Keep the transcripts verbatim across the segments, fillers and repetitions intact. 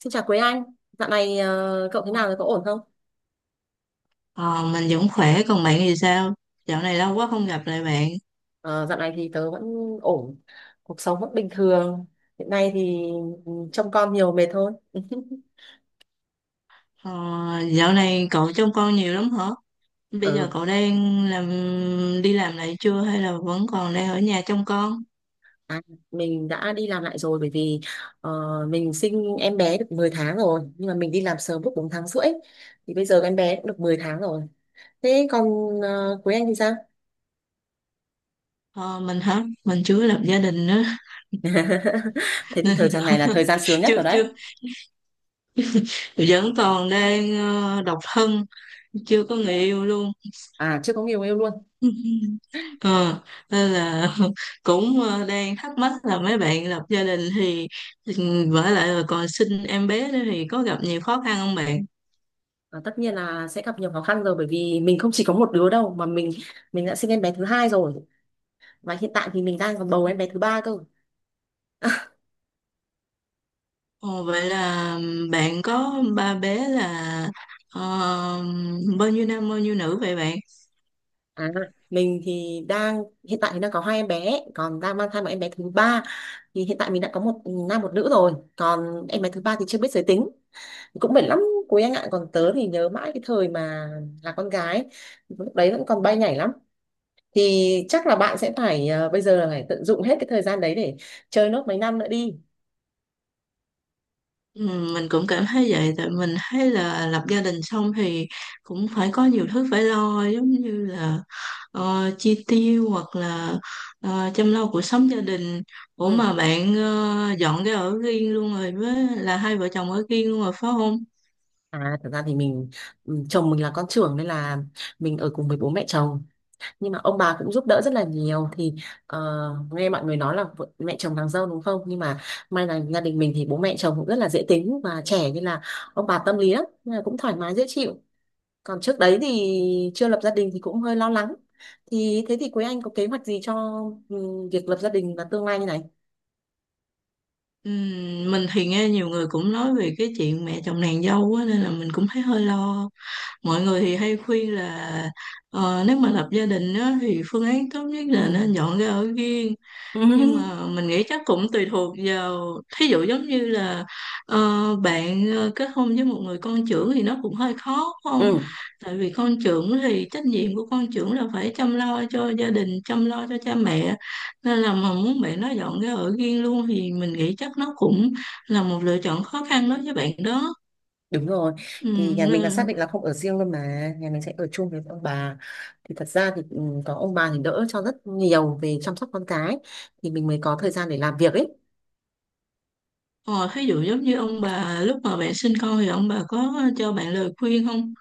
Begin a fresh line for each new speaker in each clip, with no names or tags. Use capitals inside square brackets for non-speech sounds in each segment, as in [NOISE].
Xin chào Quế Anh, dạo này ờ, cậu thế nào rồi, có ổn không?
Ờ, mình vẫn khỏe, còn bạn thì sao? Dạo này lâu quá không gặp lại bạn.
Ờ, dạo này thì tớ vẫn ổn, cuộc sống vẫn bình thường. Hiện nay thì ừ, trông con nhiều mệt thôi. [LAUGHS]
Ờ, dạo này cậu trông con nhiều lắm hả? Bây giờ
Ừ,
cậu đang làm đi làm lại chưa hay là vẫn còn đang ở nhà trông con?
à, mình đã đi làm lại rồi bởi vì ờ, mình sinh em bé được mười tháng rồi, nhưng mà mình đi làm sớm lúc bốn tháng rưỡi tháng rưỡi. Thì bây giờ em bé cũng được mười tháng rồi. Thế còn uh, Quế Anh thì sao?
Ờ, mình hả? Mình chưa lập gia đình nữa.
[LAUGHS]
[LAUGHS]
Thế thì
Nên
thời gian này là thời gian sướng nhất
chưa
rồi đấy.
chưa. Vẫn còn đang ờ, độc thân, chưa có người yêu luôn.
À, chưa có người yêu luôn.
[LAUGHS] ờ Nên là [LAUGHS] cũng ờ, đang thắc mắc là mấy bạn lập gia đình thì ừm, vả lại là còn sinh em bé nữa thì có gặp nhiều khó khăn không bạn?
Và tất nhiên là sẽ gặp nhiều khó khăn rồi bởi vì mình không chỉ có một đứa đâu mà mình mình đã sinh em bé thứ hai rồi, và hiện tại thì mình đang còn bầu em bé thứ ba cơ.
Ồ, vậy là bạn có ba bé là ờ, bao nhiêu nam bao nhiêu nữ vậy bạn?
à, mình thì đang hiện tại thì đang có hai em bé, còn đang mang thai một em bé thứ ba. Thì hiện tại mình đã có một nam một nữ rồi, còn em bé thứ ba thì chưa biết giới tính. Cũng mệt lắm quý anh ạ. Còn tớ thì nhớ mãi cái thời mà là con gái, lúc đấy vẫn còn bay nhảy lắm. Thì chắc là bạn sẽ phải ờ, bây giờ là phải tận dụng hết cái thời gian đấy để chơi nốt mấy năm nữa đi.
Ừ, mình cũng cảm thấy vậy tại mình thấy là lập gia đình xong thì cũng phải có nhiều thứ phải lo, giống như là ờ, chi tiêu hoặc là ờ, chăm lo cuộc sống gia đình. Ủa,
Ừ.
mà bạn ờ, dọn cái ở riêng luôn rồi, với là hai vợ chồng ở riêng luôn rồi phải không?
À, thật ra thì mình ừ, chồng mình là con trưởng nên là mình ở cùng với bố mẹ chồng. Nhưng mà ông bà cũng giúp đỡ rất là nhiều. Thì ờ, nghe mọi người nói là vợ- mẹ chồng nàng dâu đúng không, nhưng mà may là gia đình mình thì bố mẹ chồng cũng rất là dễ tính và trẻ, nên là ông bà tâm lý lắm, nên là cũng thoải mái dễ chịu. Còn trước đấy thì chưa lập gia đình thì cũng hơi lo lắng. Thì thế thì Quế Anh có kế hoạch gì cho ừ, việc lập gia đình và tương lai như này?
Ừ, mình thì nghe nhiều người cũng nói về cái chuyện mẹ chồng nàng dâu á, nên là mình cũng thấy hơi lo. Mọi người thì hay khuyên là ờ, nếu mà lập gia đình á thì phương án tốt nhất là nên
Ừ.
dọn ra ở riêng. Nhưng mà
[LAUGHS]
mình nghĩ chắc cũng tùy thuộc vào, thí dụ giống như là ờ, bạn ờ, kết hôn với một người con trưởng thì nó cũng hơi khó phải không?
Ừ.
Tại vì con trưởng thì trách nhiệm của con trưởng là phải chăm lo cho gia đình, chăm lo cho cha mẹ, nên là mà muốn bạn nó dọn ra ở riêng luôn thì mình nghĩ chắc nó cũng là một lựa chọn khó khăn đối với bạn đó.
Đúng rồi,
Ừ,
thì nhà mình là xác
nên-
định là không ở riêng luôn mà, nhà mình sẽ ở chung với ông bà. Thì thật ra thì ừ, có ông bà thì đỡ cho rất nhiều về chăm sóc con cái, thì mình mới có thời gian để làm việc ấy.
ờ, thí dụ giống như ông bà lúc mà bạn sinh con thì ông bà có cho bạn lời khuyên không?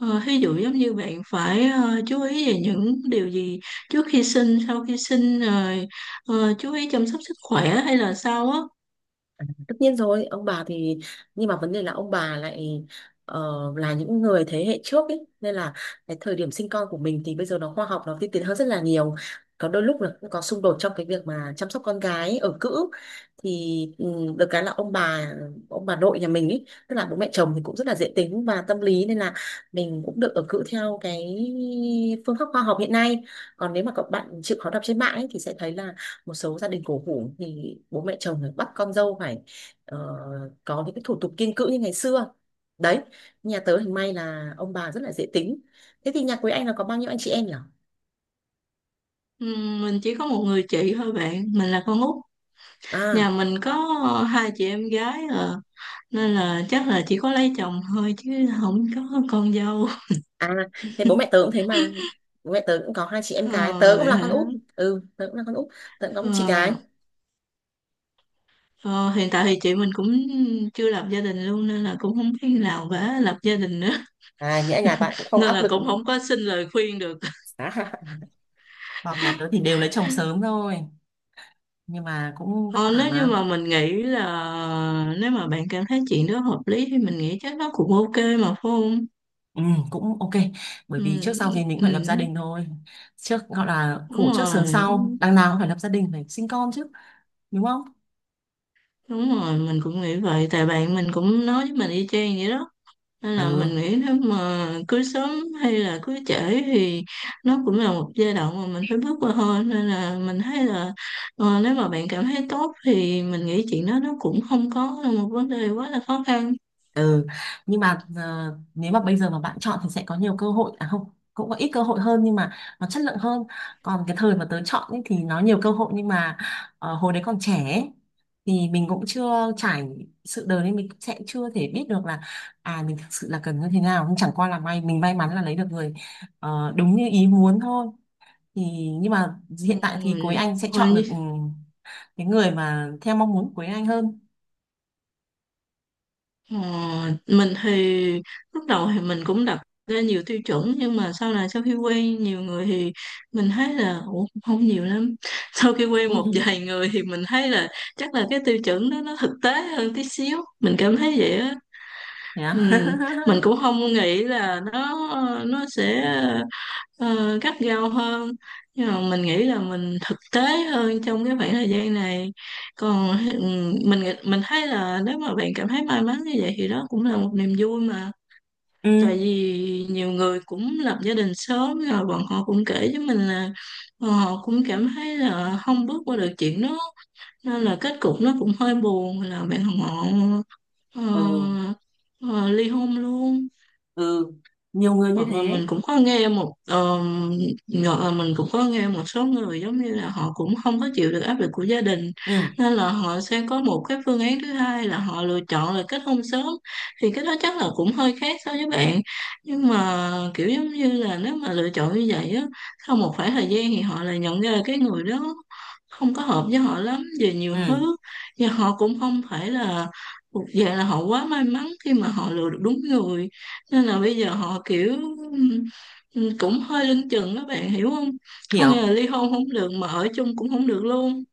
Ờ, ví dụ giống như bạn phải ờ, chú ý về những điều gì trước khi sinh, sau khi sinh, rồi ờ, chú ý chăm sóc sức khỏe hay là sao á.
Tất nhiên rồi ông bà thì, nhưng mà vấn đề là ông bà lại ờ, là những người thế hệ trước ấy, nên là cái thời điểm sinh con của mình thì bây giờ nó khoa học, nó tiên tiến hơn rất là nhiều. Có đôi lúc là cũng có xung đột trong cái việc mà chăm sóc con gái ở cữ. Thì ừ, được cái là ông bà ông bà nội nhà mình ấy, tức là bố mẹ chồng thì cũng rất là dễ tính và tâm lý, nên là mình cũng được ở cữ theo cái phương pháp khoa học hiện nay. Còn nếu mà các bạn chịu khó đọc trên mạng ấy, thì sẽ thấy là một số gia đình cổ hủ thì bố mẹ chồng phải bắt con dâu phải ờ, có những cái thủ tục kiêng cữ như ngày xưa đấy. Nhà tớ thì may là ông bà rất là dễ tính. Thế thì nhà quý anh là có bao nhiêu anh chị em nhỉ?
Ừm, mình chỉ có một người chị thôi bạn, mình là con út.
à
Nhà mình có ờ, hai chị em gái à, nên là chắc là chỉ có lấy chồng thôi chứ không có con dâu.
à thế bố mẹ tớ cũng thế mà. Bố mẹ tớ cũng có hai chị em gái,
Ờ,
tớ cũng
vậy
là con út.
hả?
Ừ tớ cũng là con út, tớ cũng có một chị
Ờ,
gái.
ờ, Hiện tại thì chị mình cũng chưa lập gia đình luôn nên là cũng không biết nào vả lập gia đình nữa. [LAUGHS]
À, nghĩa là nhà bạn cũng không
Nên
áp
là
lực
cũng không có xin lời khuyên được.
à. [LAUGHS] Bọn nhà tớ thì đều lấy chồng sớm thôi, nhưng mà cũng vất
Ờ,
vả
Nếu như
mà.
mà mình nghĩ là nếu mà bạn cảm thấy chuyện đó hợp lý thì mình nghĩ chắc nó cũng ok mà, phải không?
Ừ, cũng ok, bởi
Ừ,
vì trước sau gì mình cũng
ừ,
phải lập gia đình thôi. Trước gọi là khổ
đúng
trước sướng
rồi,
sau, đằng nào cũng phải lập gia đình phải sinh con chứ, đúng không?
đúng rồi, mình cũng nghĩ vậy. Tại bạn mình cũng nói với mình y chang vậy đó. Nên là
Ừ.
mình nghĩ nếu mà cưới sớm hay là cưới trễ thì nó cũng là một giai đoạn mà mình phải bước qua thôi. Nên là mình thấy là ờ, nếu mà bạn cảm thấy tốt thì mình nghĩ chuyện đó nó cũng không có là một vấn đề quá là khó khăn.
Ừ. Nhưng mà ờ, nếu mà bây giờ mà bạn chọn thì sẽ có nhiều cơ hội, à không, cũng có ít cơ hội hơn nhưng mà nó chất lượng hơn. Còn cái thời mà tớ chọn ấy, thì nó nhiều cơ hội, nhưng mà ờ, hồi đấy còn trẻ ấy, thì mình cũng chưa trải sự đời nên mình cũng sẽ chưa thể biết được là à mình thực sự là cần như thế nào. Nhưng chẳng qua là may mình may mắn là lấy được người ờ, đúng như ý muốn thôi. Thì, nhưng mà
Ừ,
hiện tại thì cuối anh sẽ chọn được ừ,
Thôi
cái người mà theo mong muốn của cuối anh hơn.
Ờ, mình thì lúc đầu thì mình cũng đặt ra nhiều tiêu chuẩn, nhưng mà sau này, sau khi quen nhiều người thì mình thấy là, ủa, không nhiều lắm. [LAUGHS] Sau khi
[LAUGHS]
quen một
Ừ.
vài người thì mình thấy là chắc là cái tiêu chuẩn đó nó thực tế hơn tí xíu, mình cảm thấy vậy á.
Thế à?
Ừ,
[LAUGHS]
mình cũng không nghĩ là nó nó sẽ ờ, gắt gao hơn, nhưng mà mình nghĩ là mình thực tế hơn trong cái khoảng thời gian này. Còn ừm, mình nghĩ- mình thấy là nếu mà bạn cảm thấy may mắn như vậy thì đó cũng là một niềm vui mà.
Ừ.
Tại vì nhiều người cũng lập gia đình sớm rồi, bọn họ cũng kể với mình là bọn họ cũng cảm thấy là không bước qua được chuyện đó, nên là kết cục nó cũng hơi buồn, là bạn họ
Ừ.
ờ, ờ, ly hôn luôn.
Ừ. Nhiều người như
hoặc là
thế.
mình cũng có nghe một ờ, Hoặc là mình cũng có nghe một số người giống như là họ cũng không có chịu được áp lực của gia đình,
Ừ.
nên là họ sẽ có một cái phương án thứ hai là họ lựa chọn là kết hôn sớm. Thì cái đó chắc là cũng hơi khác so với bạn, nhưng mà kiểu giống như là, nếu mà lựa chọn như vậy á, sau một khoảng thời gian thì họ lại nhận ra là cái người đó không có hợp với họ lắm về nhiều
Ừ.
thứ, và họ cũng không phải là thuộc dạng là họ quá may mắn khi mà họ lựa được đúng người. Nên là bây giờ họ kiểu ừ, cũng hơi lưng chừng, các bạn hiểu không? Không, nghĩa
Hiểu.
là ly hôn không được mà ở chung cũng không được luôn.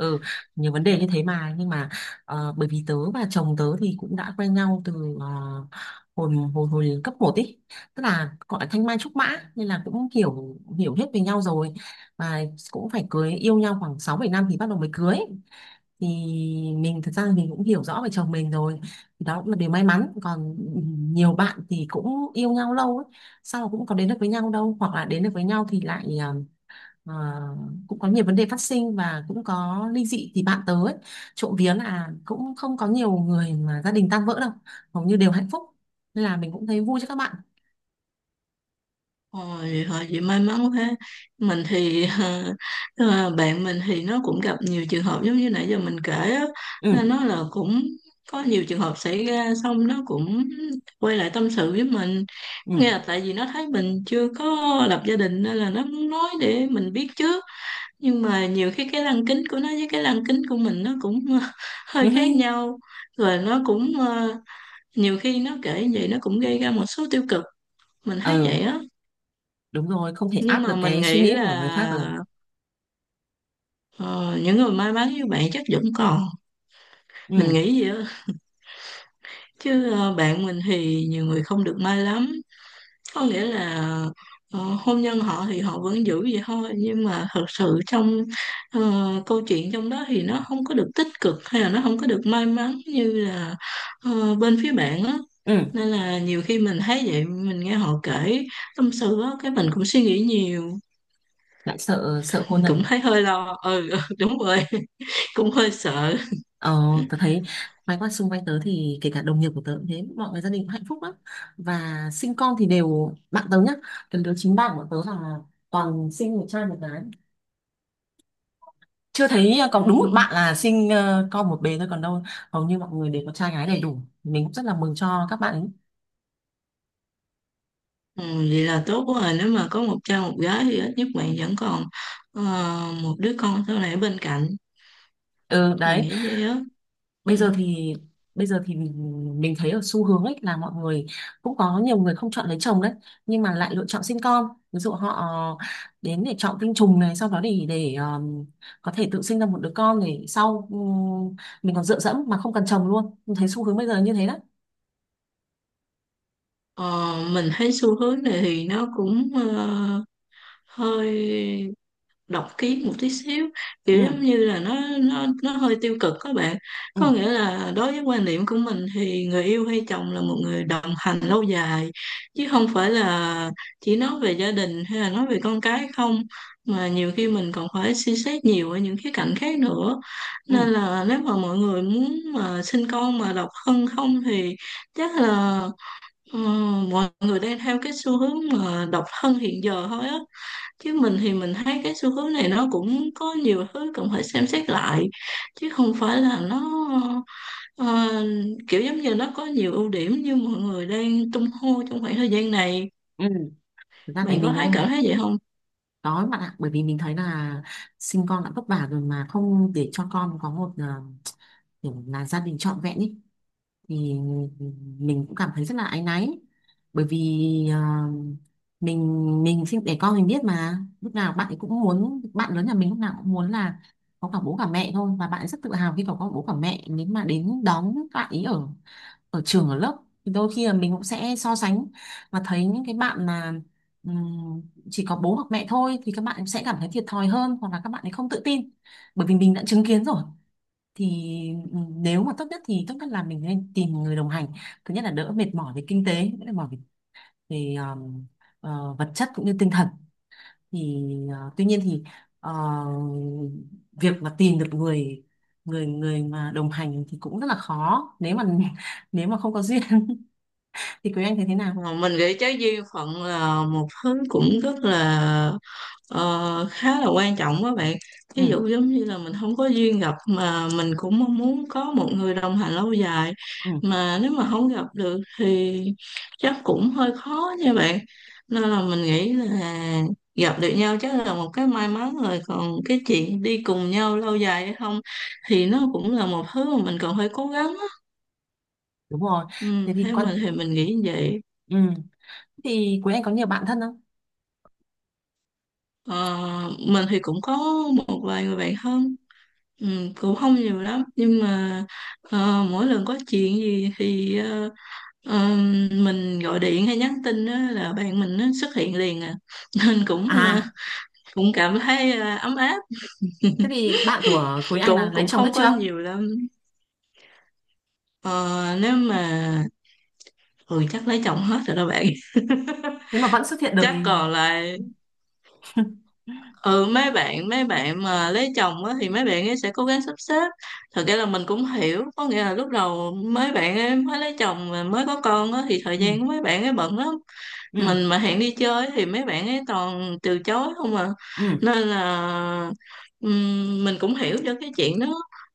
Ừ. Nhiều vấn đề như thế mà, nhưng mà ờ, bởi vì tớ và chồng tớ thì cũng đã quen nhau từ ờ, hồi hồi hồi cấp một ý, tức là gọi là thanh mai trúc mã, nên là cũng hiểu hiểu hết về nhau rồi. Và cũng phải cưới, yêu nhau khoảng sáu bảy năm thì bắt đầu mới cưới. Thì mình thật ra là mình cũng hiểu rõ về chồng mình rồi, thì đó cũng là điều may mắn. Còn nhiều bạn thì cũng yêu nhau lâu ấy, sao mà cũng có đến được với nhau đâu, hoặc là đến được với nhau thì lại ờ, ờ, cũng có nhiều vấn đề phát sinh và cũng có ly dị thì bạn tớ ấy. Trộm vía là cũng không có nhiều người mà gia đình tan vỡ đâu, hầu như đều hạnh phúc, nên là mình cũng thấy vui cho các bạn.
Ôi, họ chị may mắn quá. Mình thì [LAUGHS] ờ, bạn mình thì nó cũng gặp nhiều trường hợp giống như nãy giờ mình kể á,
Ừ.
nên nó là cũng có nhiều trường hợp xảy ra, xong nó cũng quay lại tâm sự với mình.
Ừ.
Có nghĩa là
[LAUGHS]
tại vì nó thấy mình chưa có lập gia đình nên là nó muốn nói để mình biết trước, nhưng mà nhiều khi cái lăng kính của nó với cái lăng kính của mình nó cũng [LAUGHS]
Ừ.
hơi khác nhau. Rồi nó cũng ờ, nhiều khi nó kể vậy nó cũng gây ra một số tiêu cực, mình thấy
Ừ.
vậy á.
Đúng rồi, không thể
Nhưng
áp
mà
được
mình
cái suy
nghĩ
nghĩ của
là
người khác được.
ờ, những người may mắn như bạn chắc vẫn còn, mình
Ừ.
nghĩ vậy á. Chứ ờ, bạn mình thì nhiều người không được may lắm. Có nghĩa là ờ, hôn nhân họ thì họ vẫn giữ vậy thôi, nhưng mà thật sự trong ờ, câu chuyện trong đó thì nó không có được tích cực, hay là nó không có được may mắn như là ờ, bên phía bạn á.
Ừ.
Nên là nhiều khi mình thấy vậy, mình nghe họ kể tâm sự á, cái mình cũng suy nghĩ nhiều.
Lại sợ sợ khôn
Mình cũng
dần.
thấy hơi lo, ừ, ừ, đúng rồi. [LAUGHS] Cũng hơi sợ.
ờ Tớ thấy mấy con xung quanh tớ thì kể cả đồng nghiệp của tớ cũng thế, mọi người gia đình cũng hạnh phúc lắm, và sinh con thì đều bạn tớ nhá. Cái đứa chính bạn của tớ là toàn sinh một trai một gái. Chưa thấy ờ,
Ừ,
có đúng một bạn là sinh ờ, con một bé thôi, còn đâu hầu như mọi người đều có trai gái đầy đủ. Mình cũng rất là mừng cho các bạn ấy.
ừ, vậy là tốt quá rồi, nếu mà có một cha một gái thì ít nhất bạn vẫn còn ờ, một đứa con sau này ở bên cạnh,
ừ
mình
đấy.
nghĩ vậy á. Ừ.
Bây giờ thì, bây giờ thì mình, mình thấy ở xu hướng ấy là mọi người cũng có nhiều người không chọn lấy chồng đấy, nhưng mà lại lựa chọn sinh con. Ví dụ họ đến để chọn tinh trùng này, sau đó để để ờ, có thể tự sinh ra một đứa con để sau ừ, mình còn dựa dẫm mà không cần chồng luôn. Mình thấy xu hướng bây giờ như thế đó.
Ờ, mình thấy xu hướng này thì nó cũng ờ, hơi độc kiến một tí xíu, kiểu giống
Ừ.
như là nó nó nó hơi tiêu cực các bạn.
Ừ.
Có nghĩa là, đối với quan niệm của mình thì người yêu hay chồng là một người đồng hành lâu dài, chứ không phải là chỉ nói về gia đình hay là nói về con cái không, mà nhiều khi mình còn phải suy xét nhiều ở những khía cạnh khác nữa.
Ừ.
Nên là nếu mà mọi người muốn mà sinh con mà độc thân không thì chắc là Ờ, mọi người đang theo cái xu hướng mà độc thân hiện giờ thôi á. Chứ mình thì mình thấy cái xu hướng này nó cũng có nhiều thứ cần phải xem xét lại, chứ không phải là nó ờ, kiểu giống như nó có nhiều ưu điểm như mọi người đang tung hô trong khoảng thời gian này.
Ừ. Thực ra thì
Bạn có
mình
thấy cảm
cũng,
thấy vậy không?
đó bạn ạ, bởi vì mình thấy là sinh con đã vất vả rồi mà không để cho con có một ờ, kiểu là gia đình trọn vẹn ý, thì mình cũng cảm thấy rất là áy náy. Bởi vì ờ, mình mình sinh đẻ con mình biết mà, lúc nào bạn ấy cũng muốn, bạn lớn nhà mình lúc nào cũng muốn là có cả bố cả mẹ thôi, và bạn ấy rất tự hào khi có có bố cả mẹ nếu mà đến đón bạn ấy ở ở trường ở lớp. Thì đôi khi là mình cũng sẽ so sánh và thấy những cái bạn mà ừm, chỉ có bố hoặc mẹ thôi thì các bạn sẽ cảm thấy thiệt thòi hơn, hoặc là các bạn ấy không tự tin, bởi vì mình đã chứng kiến rồi. Thì ừm, nếu mà tốt nhất thì tốt nhất là mình nên tìm người đồng hành, thứ nhất là đỡ mệt mỏi về kinh tế, đỡ mệt mỏi về, về ờm, ờ, vật chất cũng như tinh thần. Thì ờ, tuy nhiên thì ờ, việc mà tìm được người người người mà đồng hành thì cũng rất là khó, nếu mà [LAUGHS] nếu mà không có duyên. Thì quý anh thấy thế nào?
Ờ, mình nghĩ trái duyên phận là một thứ cũng rất là ờ, khá là quan trọng đó bạn. Ví
Ừ.
dụ giống như là mình không có duyên gặp, mà mình cũng mong muốn có một người đồng hành lâu dài
Ừ.
mà nếu mà không gặp được thì chắc cũng hơi khó nha bạn. Nên là mình nghĩ là gặp được nhau chắc là một cái may mắn rồi, còn cái chuyện đi cùng nhau lâu dài hay không thì nó cũng là một thứ mà mình còn phải cố gắng á.
Đúng rồi. Thế
Ừ,
thì
theo
quan
mình thì mình nghĩ như vậy.
ừ thì quý anh có nhiều bạn thân không?
Ờ, mình thì cũng có một vài người bạn thân, ừ, cũng không nhiều lắm, nhưng mà ờ, mỗi lần có chuyện gì thì ờ, ờ, mình gọi điện hay nhắn tin á là bạn mình nó xuất hiện liền à. [LAUGHS] Nên cũng ờ,
À,
cũng cảm thấy ờ, ấm áp.
thế thì bạn của quý anh là
cũng
lấy
cũng
chồng hết
không có
chưa?
nhiều lắm. Ờ, nếu mà ừ Chắc lấy chồng hết rồi đó bạn. [LAUGHS]
Thế mà vẫn xuất hiện được
Chắc
thì.
còn lại ừ mấy bạn mấy bạn mà lấy chồng á thì mấy bạn ấy sẽ cố gắng sắp xếp. Thật ra là mình cũng hiểu, có nghĩa là lúc đầu mấy bạn ấy mới lấy chồng và mới có con á thì thời
Ừ.
gian của mấy bạn ấy bận lắm. Mình
Ừ.
mà hẹn đi chơi thì mấy bạn ấy toàn từ chối không à.
Ừ.
Nên là ừm, mình cũng hiểu cho cái chuyện đó,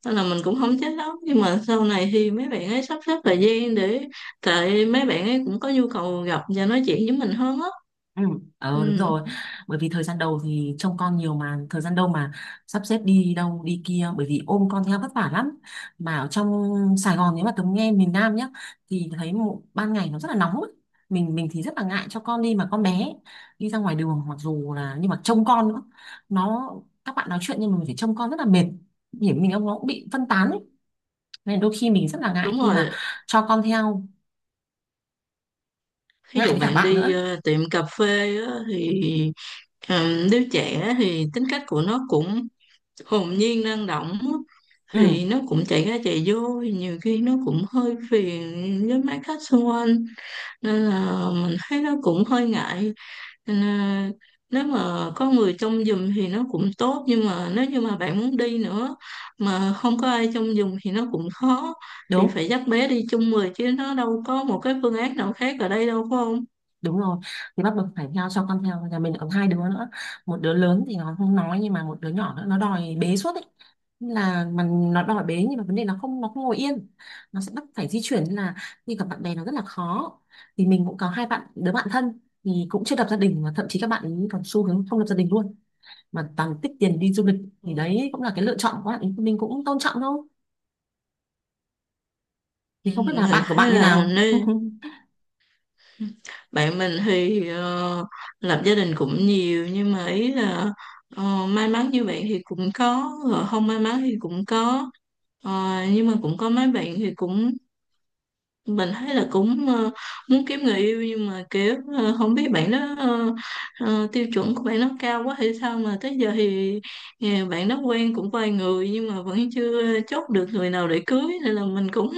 nên là mình cũng không trách lắm. Nhưng mà sau này thì mấy bạn ấy sắp xếp thời gian để, tại mấy bạn ấy cũng có nhu cầu gặp và nói chuyện với mình hơn á.
Ừ,
Ừ,
ờ đúng rồi, bởi vì thời gian đầu thì trông con nhiều, mà thời gian đâu mà sắp xếp đi đâu đi kia, bởi vì ôm con theo vất vả lắm. Mà ở trong Sài Gòn, nếu mà Tấm nghe miền Nam nhá, thì thấy mụ- ban ngày nó rất là nóng ấy. mình mình thì rất là ngại cho con đi mà con bé ấy, đi ra ngoài đường, mặc dù là, nhưng mà trông con nữa, nó, các bạn nói chuyện nhưng mà mình phải trông con rất là mệt, điểm mình ông nó cũng bị phân tán ấy. Nên đôi khi mình rất là ngại
đúng
khi
rồi.
mà cho con theo,
Ví
ngại
dụ
với cả
bạn
bạn
đi
nữa.
ờ, tiệm cà phê á, thì ờ, đứa trẻ thì tính cách của nó cũng hồn nhiên, năng động á,
Ừ.
thì nó cũng chạy ra chạy vô, thì nhiều khi nó cũng hơi phiền với mấy khách xung quanh, nên là mình thấy nó cũng hơi ngại. Nên là, nếu mà có người trông giùm thì nó cũng tốt, nhưng mà nếu như mà bạn muốn đi nữa mà không có ai trông giùm thì nó cũng khó. Thì
đúng
phải dắt bé đi chung người, chứ nó đâu có một cái phương án nào khác ở đây đâu phải không?
đúng rồi Thì bắt buộc phải theo, cho con theo, nhà mình còn hai đứa nữa, một đứa lớn thì nó không nói, nhưng mà một đứa nhỏ nữa nó đòi bế suốt ấy. Nên là mà nó đòi bế, nhưng mà vấn đề nó không nó không ngồi yên, nó sẽ bắt phải di chuyển, nên là đi gặp bạn bè nó rất là khó. Thì mình cũng có hai bạn đứa bạn thân thì cũng chưa lập gia đình, và thậm chí các bạn ấy còn xu hướng không lập gia đình luôn, mà toàn tích tiền đi du lịch. Thì
Ừ.
đấy cũng là cái lựa chọn của bạn ấy, mình cũng tôn trọng thôi.
Ừ,
Thì không biết là
Mình
bạn của bạn
thấy
như
là
nào?
nên bạn mình thì ờ, lập gia đình cũng nhiều, nhưng mà ý là ờ, may mắn như bạn thì cũng có rồi, không may mắn thì cũng có. Ờ, nhưng mà cũng có mấy bạn thì cũng, mình thấy là cũng ờ, muốn kiếm người yêu, nhưng mà kiểu ờ, không biết bạn đó ờ, ờ, tiêu chuẩn của bạn nó cao quá hay sao mà tới giờ thì ờ, bạn đó quen cũng vài người nhưng mà vẫn chưa chốt được người nào để cưới. Nên là mình cũng,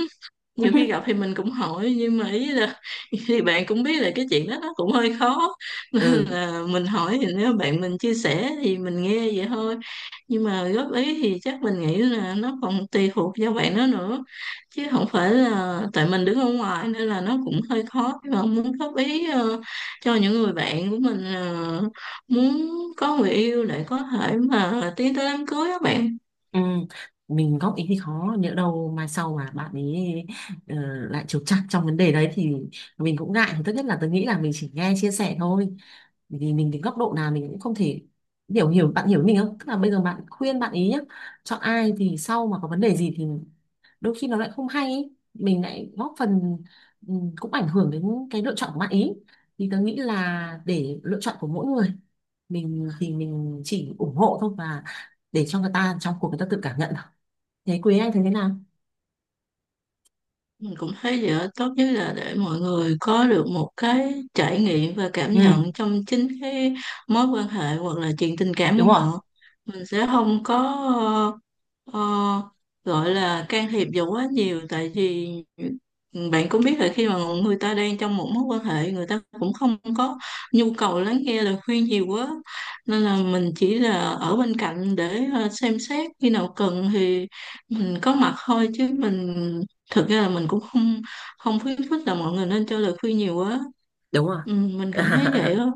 nhiều khi gặp thì
[LAUGHS]
mình cũng hỏi, nhưng mà ý là [LAUGHS] thì bạn cũng biết là cái chuyện đó nó cũng hơi khó. [LAUGHS] Nên
Ừ.
là mình hỏi thì, nếu bạn mình chia sẻ thì mình nghe vậy thôi, nhưng mà góp ý thì chắc mình nghĩ là nó còn tùy thuộc vào bạn đó nữa, chứ không phải là, tại mình đứng ở ngoài nên là nó cũng hơi khó, nhưng mà muốn góp ý ờ, cho những người bạn của mình ờ, muốn có người yêu để có thể mà tiến tới đám cưới các bạn.
Ừ, mình góp ý thì khó, nhỡ đâu mai sau mà bạn ấy ờ, lại trục trặc trong vấn đề đấy thì mình cũng ngại. Thì tốt nhất là tôi nghĩ là mình chỉ nghe chia sẻ thôi. Bởi vì mình đến góc độ nào mình cũng không thể hiểu hiểu bạn, hiểu mình không, tức là bây giờ bạn khuyên bạn ý nhá chọn ai, thì sau mà có vấn đề gì thì đôi khi nó lại không hay ý, mình lại góp phần ừ, cũng ảnh hưởng đến cái lựa chọn của bạn ý. Thì tôi nghĩ là để lựa chọn của mỗi người, mình thì mình chỉ ủng hộ thôi và để cho người ta trong cuộc người ta tự cảm nhận. Thấy quý anh thấy thế nào?
Mình cũng thấy vậy đó. Tốt nhất là để mọi người có được một cái trải nghiệm và cảm nhận
Ừ,
trong chính cái mối quan hệ hoặc là chuyện tình cảm
đúng
của
rồi.
họ. Mình sẽ không có ờ, gọi là can thiệp vào quá nhiều, tại vì bạn cũng biết là khi mà người ta đang trong một mối quan hệ, người ta cũng không có nhu cầu lắng nghe lời khuyên nhiều quá. Nên là mình chỉ là ở bên cạnh để ờ, xem xét, khi nào cần thì mình có mặt thôi, chứ mình thực ra là mình cũng không không khuyến khích là mọi người nên cho lời khuyên nhiều quá.
Đúng rồi.
Ừ, mình
[LAUGHS]
cảm thấy vậy đó.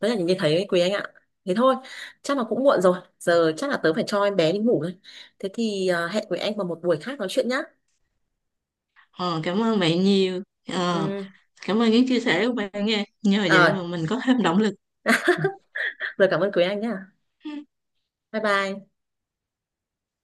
Đấy là những cái thấy ấy, quý anh ạ. Thế thôi, chắc là cũng muộn rồi. Giờ chắc là tớ phải cho em bé đi ngủ rồi. Thế thì à, hẹn quý anh vào một buổi khác nói chuyện nhá.
ờ, Cảm ơn bạn nhiều, ờ,
Ừ.
cảm ơn những chia sẻ của bạn, nghe nhờ
Rồi,
vậy mà mình có thêm động lực.
rồi cảm ơn quý anh nhá. Bye bye.
Ừ.